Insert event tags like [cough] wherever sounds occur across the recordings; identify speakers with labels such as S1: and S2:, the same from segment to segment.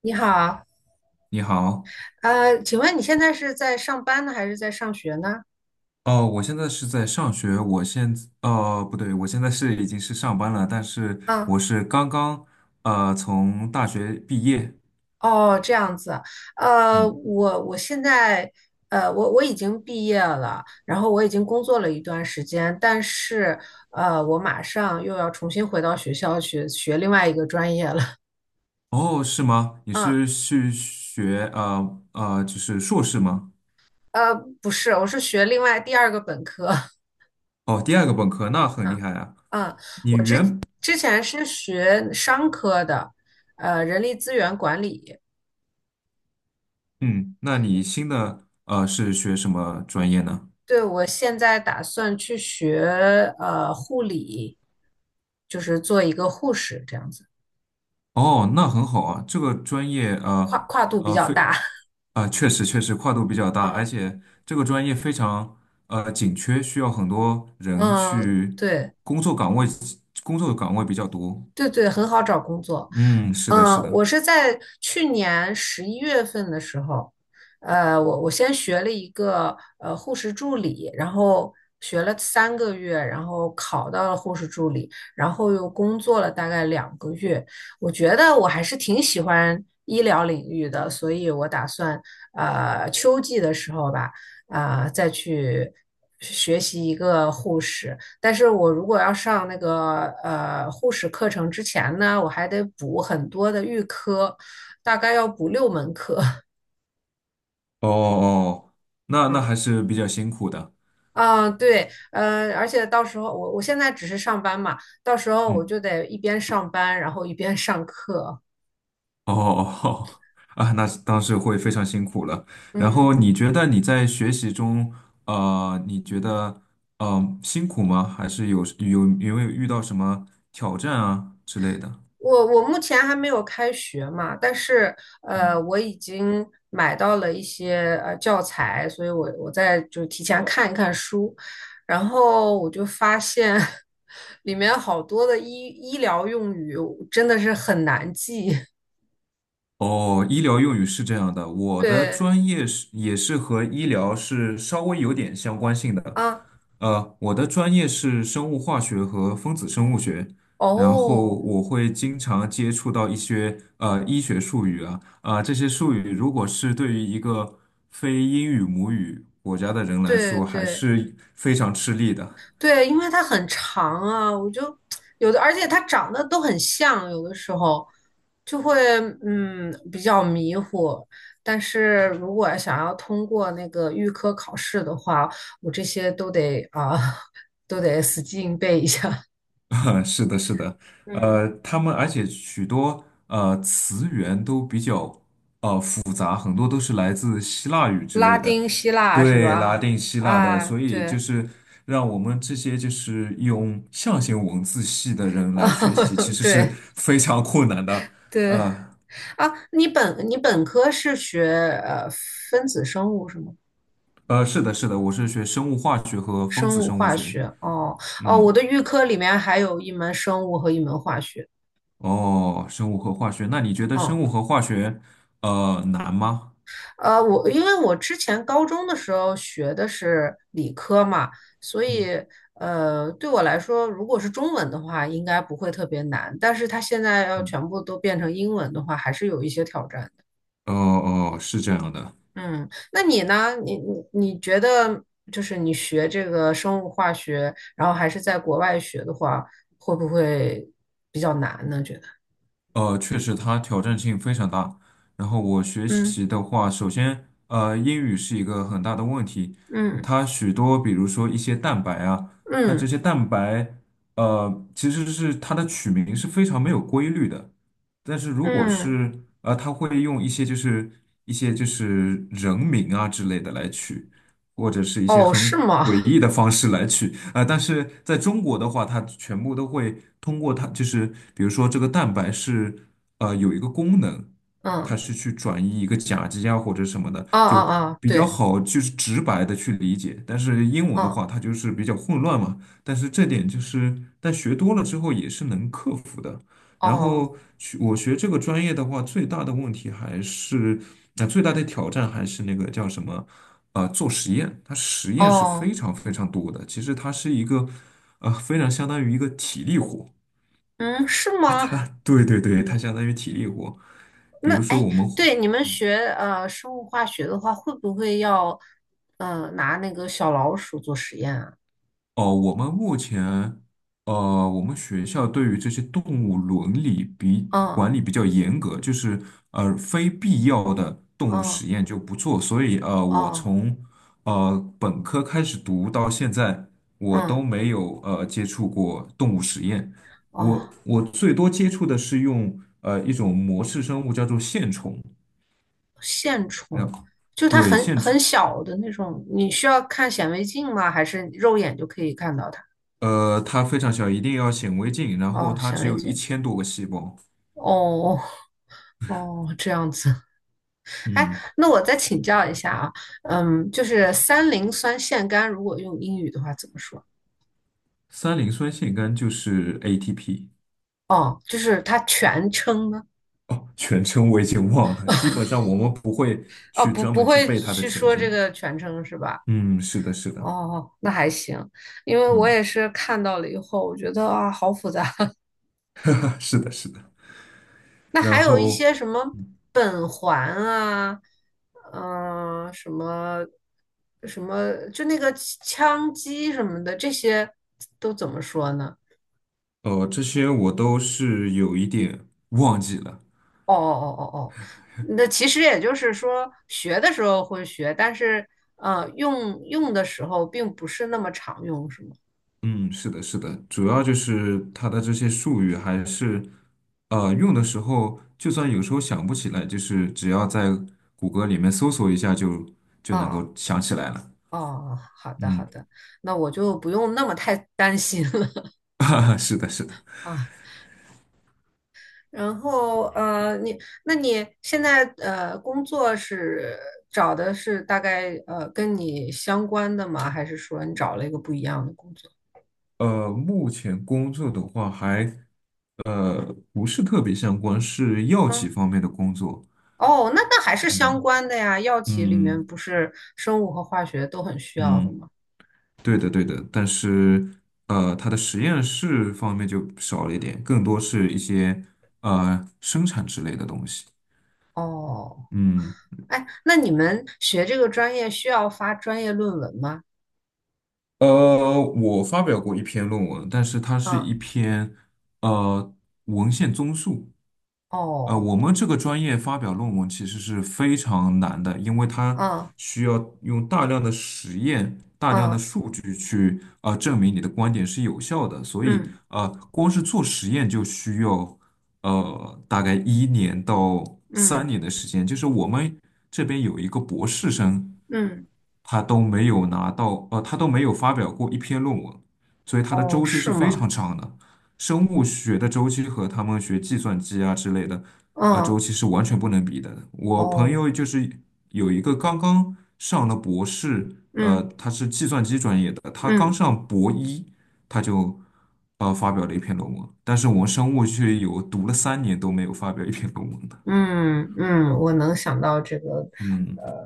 S1: 你好。
S2: 你好。
S1: 请问你现在是在上班呢，还是在上学呢？
S2: 哦，我现在是在上学。我现在，哦，不对，我现在是已经是上班了，但是
S1: 啊。
S2: 我是刚刚，从大学毕业。
S1: 哦，这样子。呃，
S2: 嗯。
S1: 我我现在，我已经毕业了，然后我已经工作了一段时间，但是，我马上又要重新回到学校去学另外一个专业了。
S2: 哦，是吗？
S1: [laughs]
S2: 你
S1: 嗯。
S2: 是去学，就是硕士吗？
S1: 呃，不是，我是学另外第二个本科。[laughs]
S2: 哦，第二个本科，那很厉害啊。
S1: 嗯。
S2: 你
S1: 我之
S2: 原，
S1: 之前是学商科的，人力资源管理。
S2: 嗯。那你新的，是学什么专业呢？
S1: 对，我现在打算去学护理，就是做一个护士这样子。
S2: 哦，那很好啊。这个专业，
S1: 跨
S2: 呃
S1: 跨度比
S2: 呃，
S1: 较
S2: 非。
S1: 大。[laughs]
S2: 啊，确实确实跨度比较大，而
S1: 嗯，
S2: 且这个专业非常紧缺，需要很多人
S1: 嗯，
S2: 去
S1: 对。
S2: 工作岗位，工作岗位比较多。
S1: 对对，很好找工作。
S2: 嗯，是的，
S1: 嗯。
S2: 是的。
S1: 我是在去年11月份的时候，我先学了一个护士助理，然后学了3个月，然后考到了护士助理，然后又工作了大概2个月。我觉得我还是挺喜欢医疗领域的，所以我打算秋季的时候吧，再去学习一个护士。但是我如果要上那个护士课程之前呢，我还得补很多的预科，大概要补6门课。
S2: 哦哦，
S1: [laughs]
S2: 那
S1: 嗯
S2: 还是比较辛苦的。
S1: 啊，对，而且到时候我现在只是上班嘛，到时候我
S2: 嗯。
S1: 就得一边上班，然后一边上课。
S2: 哦哦哦，啊，那当时会非常辛苦了。然
S1: 嗯。
S2: 后你觉得你在学习中，你觉得辛苦吗？还是有没有遇到什么挑战啊之类的？
S1: 我目前还没有开学嘛，但是我已经买到了一些教材，所以我在就提前看一看书，然后我就发现 [laughs] 里面好多的医疗用语真的是很难记。
S2: 哦，医疗用语是这样的，
S1: [laughs]
S2: 我的
S1: 对
S2: 专业是也是和医疗是稍微有点相关性的。
S1: 啊。
S2: 我的专业是生物化学和分子生物学。然后
S1: 哦，
S2: 我会经常接触到一些医学术语啊。啊、这些术语如果是对于一个非英语母语国家的人来
S1: 对
S2: 说，还
S1: 对，
S2: 是非常吃力的。
S1: 对，因为它很长啊，我就有的，而且它长得都很像，有的时候就会比较迷糊。但是如果想要通过那个预科考试的话，我这些都得啊，[laughs] 都得死记硬背一下。
S2: [laughs] 是的，是的。
S1: 嗯。
S2: 他们而且许多词源都比较复杂，很多都是来自希腊语
S1: [laughs]
S2: 之类
S1: 拉
S2: 的。
S1: 丁希腊是
S2: 对，拉
S1: 吧？
S2: 丁希腊的，
S1: 啊，
S2: 所以就
S1: 对。
S2: 是让我们这些就是用象形文字系的
S1: [laughs]
S2: 人
S1: 啊，
S2: 来学习，其实是
S1: 对
S2: 非常困难的。
S1: 对
S2: 呃
S1: 啊，你本科是学呃分子生物是吗？
S2: 是的，是的，我是学生物化学和分
S1: 生
S2: 子
S1: 物
S2: 生物
S1: 化
S2: 学。
S1: 学。哦哦，我
S2: 嗯。
S1: 的预科里面还有一门生物和一门化学。
S2: 哦，生物和化学，那你觉得生
S1: 嗯。
S2: 物和化学难吗？
S1: 我因为我之前高中的时候学的是理科嘛，所
S2: 嗯。
S1: 以对我来说，如果是中文的话，应该不会特别难。但是它现在要
S2: 嗯。
S1: 全部都变成英文的话，还是有一些挑战的。
S2: 哦哦，是这样的。
S1: 嗯。那你呢？你觉得，就是你学这个生物化学，然后还是在国外学的话，会不会比较难呢？觉得？
S2: 确实它挑战性非常大。然后我学
S1: 嗯。
S2: 习的话，首先，英语是一个很大的问题。
S1: 嗯
S2: 它许多，比如说一些蛋白啊，它这
S1: 嗯
S2: 些蛋白，其实是它的取名是非常没有规律的。但是如果
S1: 嗯，
S2: 是他会用一些就是人名啊之类的来取，或者是一些
S1: 哦，是
S2: 很
S1: 吗？
S2: 诡异的方式来取啊、但是在中国的话，它全部都会通过它，就是比如说这个蛋白是有一个功能，它
S1: 嗯，
S2: 是去转移一个甲基啊或者什么的，
S1: 啊啊
S2: 就
S1: 啊，
S2: 比较
S1: 对。
S2: 好就是直白的去理解。但是英文的
S1: 嗯，
S2: 话，它就是比较混乱嘛。但是这点就是，但学多了之后也是能克服的。然
S1: 哦
S2: 后我学这个专业的话，最大的问题还是，那、最大的挑战还是那个叫什么，啊、做实验，它实验是
S1: 哦。
S2: 非常非常多的。其实它是一个，啊、非常相当于一个体力活。
S1: 嗯，是
S2: [laughs]
S1: 吗？
S2: 它，对对对，它相当于体力活。比
S1: 那
S2: 如说
S1: 哎，对，你们学生物化学的话，会不会要拿那个小老鼠做实验啊？
S2: 我们目前，我们学校对于这些动物伦理比
S1: 嗯
S2: 管理比较严格，就是非必要的动物
S1: 嗯
S2: 实验就不做。所以，我
S1: 哦
S2: 从本科开始读到现在，我都
S1: 嗯
S2: 没有接触过动物实验。
S1: 哦，
S2: 我最多接触的是用一种模式生物叫做线虫。
S1: 线
S2: 然
S1: 虫，
S2: 后
S1: 就它
S2: 对
S1: 很
S2: 线虫，
S1: 很小的那种，你需要看显微镜吗？还是肉眼就可以看到它？
S2: 它非常小，一定要显微镜，然后
S1: 哦，
S2: 它
S1: 显
S2: 只
S1: 微
S2: 有一
S1: 镜。
S2: 千多个细胞。
S1: 哦哦，这样子。哎，
S2: 嗯。
S1: 那我再请教一下啊。嗯，就是三磷酸腺苷，如果用英语的话怎么说？
S2: 三磷酸腺苷就是 ATP。
S1: 哦，就是它全称呢？
S2: 哦，全称我已经忘了，基本上我们不会
S1: 哦，
S2: 去
S1: 不，
S2: 专
S1: 不
S2: 门去
S1: 会
S2: 背它的
S1: 去
S2: 全
S1: 说这
S2: 称。
S1: 个全称是吧？
S2: 嗯，是的，是的。
S1: 哦，那还行。因为我
S2: 嗯，
S1: 也是看到了以后，我觉得啊，好复杂。[laughs]
S2: [laughs] 啊是的，是的。
S1: 那还
S2: 然
S1: 有一
S2: 后，
S1: 些什么苯环啊，什么什么，就那个羟基什么的，这些都怎么说呢？
S2: 这些我都是有一点忘记了。
S1: 哦哦哦哦，哦，那其实也就是说，学的时候会学，但是用的时候并不是那么常用，是吗？
S2: 嗯，是的，是的，主要就是它的这些术语还是用的时候，就算有时候想不起来，就是只要在谷歌里面搜索一下就能
S1: 啊、
S2: 够想起来了。
S1: 哦，好的好
S2: 嗯，
S1: 的。那我就不用那么太 [laughs] 担心了
S2: [laughs] 是的，是的。
S1: [laughs] 啊。然后那你现在工作是找的是大概跟你相关的吗？还是说你找了一个不一样的工作？
S2: 目前工作的话还不是特别相关，是药企
S1: 嗯。
S2: 方面的工作。
S1: 哦，那还是相
S2: 嗯
S1: 关的呀，药企里面
S2: 嗯
S1: 不是生物和化学都很需要的
S2: 嗯，
S1: 吗？
S2: 对的对的，但是它的实验室方面就少了一点，更多是一些生产之类的东西。
S1: 哦。
S2: 嗯。
S1: 哎，那你们学这个专业需要发专业论文吗？
S2: 我发表过一篇论文，但是它是
S1: 啊，
S2: 一篇呃文献综述。
S1: 哦。
S2: 我们这个专业发表论文其实是非常难的，因为它
S1: 嗯
S2: 需要用大量的实验、大量的
S1: 嗯
S2: 数据去证明你的观点是有效的，所以
S1: 嗯
S2: 光是做实验就需要大概一年到三
S1: 嗯
S2: 年的时间。就是我们这边有一个博士生，
S1: 嗯，
S2: 他都没有拿到，他都没有发表过一篇论文，所以他的
S1: 哦，
S2: 周期
S1: 是
S2: 是非
S1: 吗？
S2: 常长的。生物学的周期和他们学计算机啊之类的，
S1: 嗯，
S2: 周期是完全不能比的。我朋
S1: 哦，
S2: 友就是有一个刚刚上了博士，
S1: 嗯
S2: 他是计算机专业的，他刚
S1: 嗯
S2: 上博一，他就发表了一篇论文，但是我们生物却有读了三年都没有发表一篇论文的。
S1: 嗯嗯，我能想到这个。
S2: 嗯。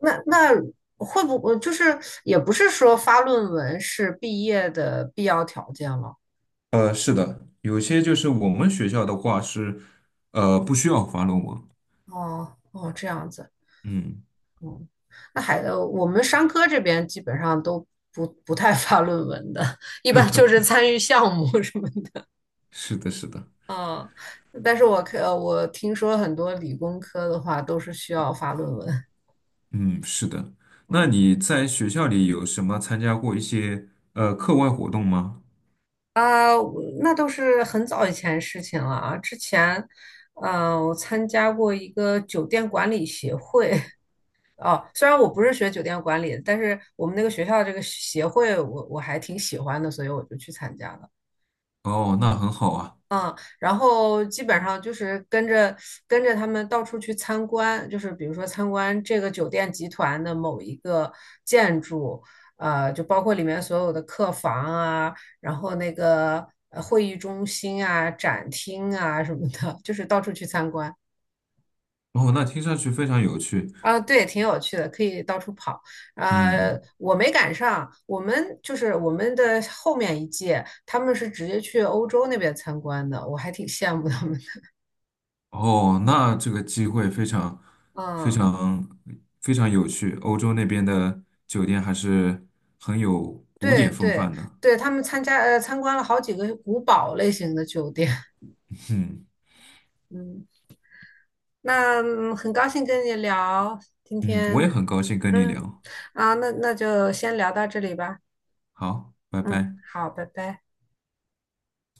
S1: 那会不会就是也不是说发论文是毕业的必要条件了？
S2: 是的，有些就是我们学校的话是，不需要发论文。
S1: 哦哦，这样子。
S2: 嗯，
S1: 嗯。那还我们商科这边基本上都不太发论文的，一般就是参与项目什么的。
S2: 是的，是的，
S1: 啊。但是我听说很多理工科的话都是需要发论文。
S2: 嗯，是的。那
S1: 嗯
S2: 你在学校里有什么参加过一些课外活动吗？
S1: 啊，我那都是很早以前事情了啊。之前，我参加过一个酒店管理协会。[laughs] 哦，虽然我不是学酒店管理的，但是我们那个学校这个协会我还挺喜欢的，所以我就去参加了。
S2: 哦，那很好啊。
S1: 嗯。然后基本上就是跟着他们到处去参观，就是比如说参观这个酒店集团的某一个建筑，就包括里面所有的客房啊，然后那个会议中心啊、展厅啊什么的，就是到处去参观。
S2: 哦，那听上去非常有趣。
S1: 啊，对，挺有趣的，可以到处跑。
S2: 嗯嗯。
S1: 我没赶上，我们就是我们的后面一届，他们是直接去欧洲那边参观的，我还挺羡慕他们的。
S2: 哦，那这个机会非常非
S1: 嗯。
S2: 常非常有趣。欧洲那边的酒店还是很有古
S1: 对
S2: 典风
S1: 对
S2: 范的。
S1: 对，他们参观了好几个古堡类型的酒店。
S2: 嗯
S1: [laughs] 嗯。那很高兴跟你聊今
S2: 嗯，我也
S1: 天。
S2: 很高兴跟你
S1: 嗯
S2: 聊。
S1: 啊，那就先聊到这里吧。
S2: 好，拜
S1: 嗯，
S2: 拜。
S1: 好，拜拜。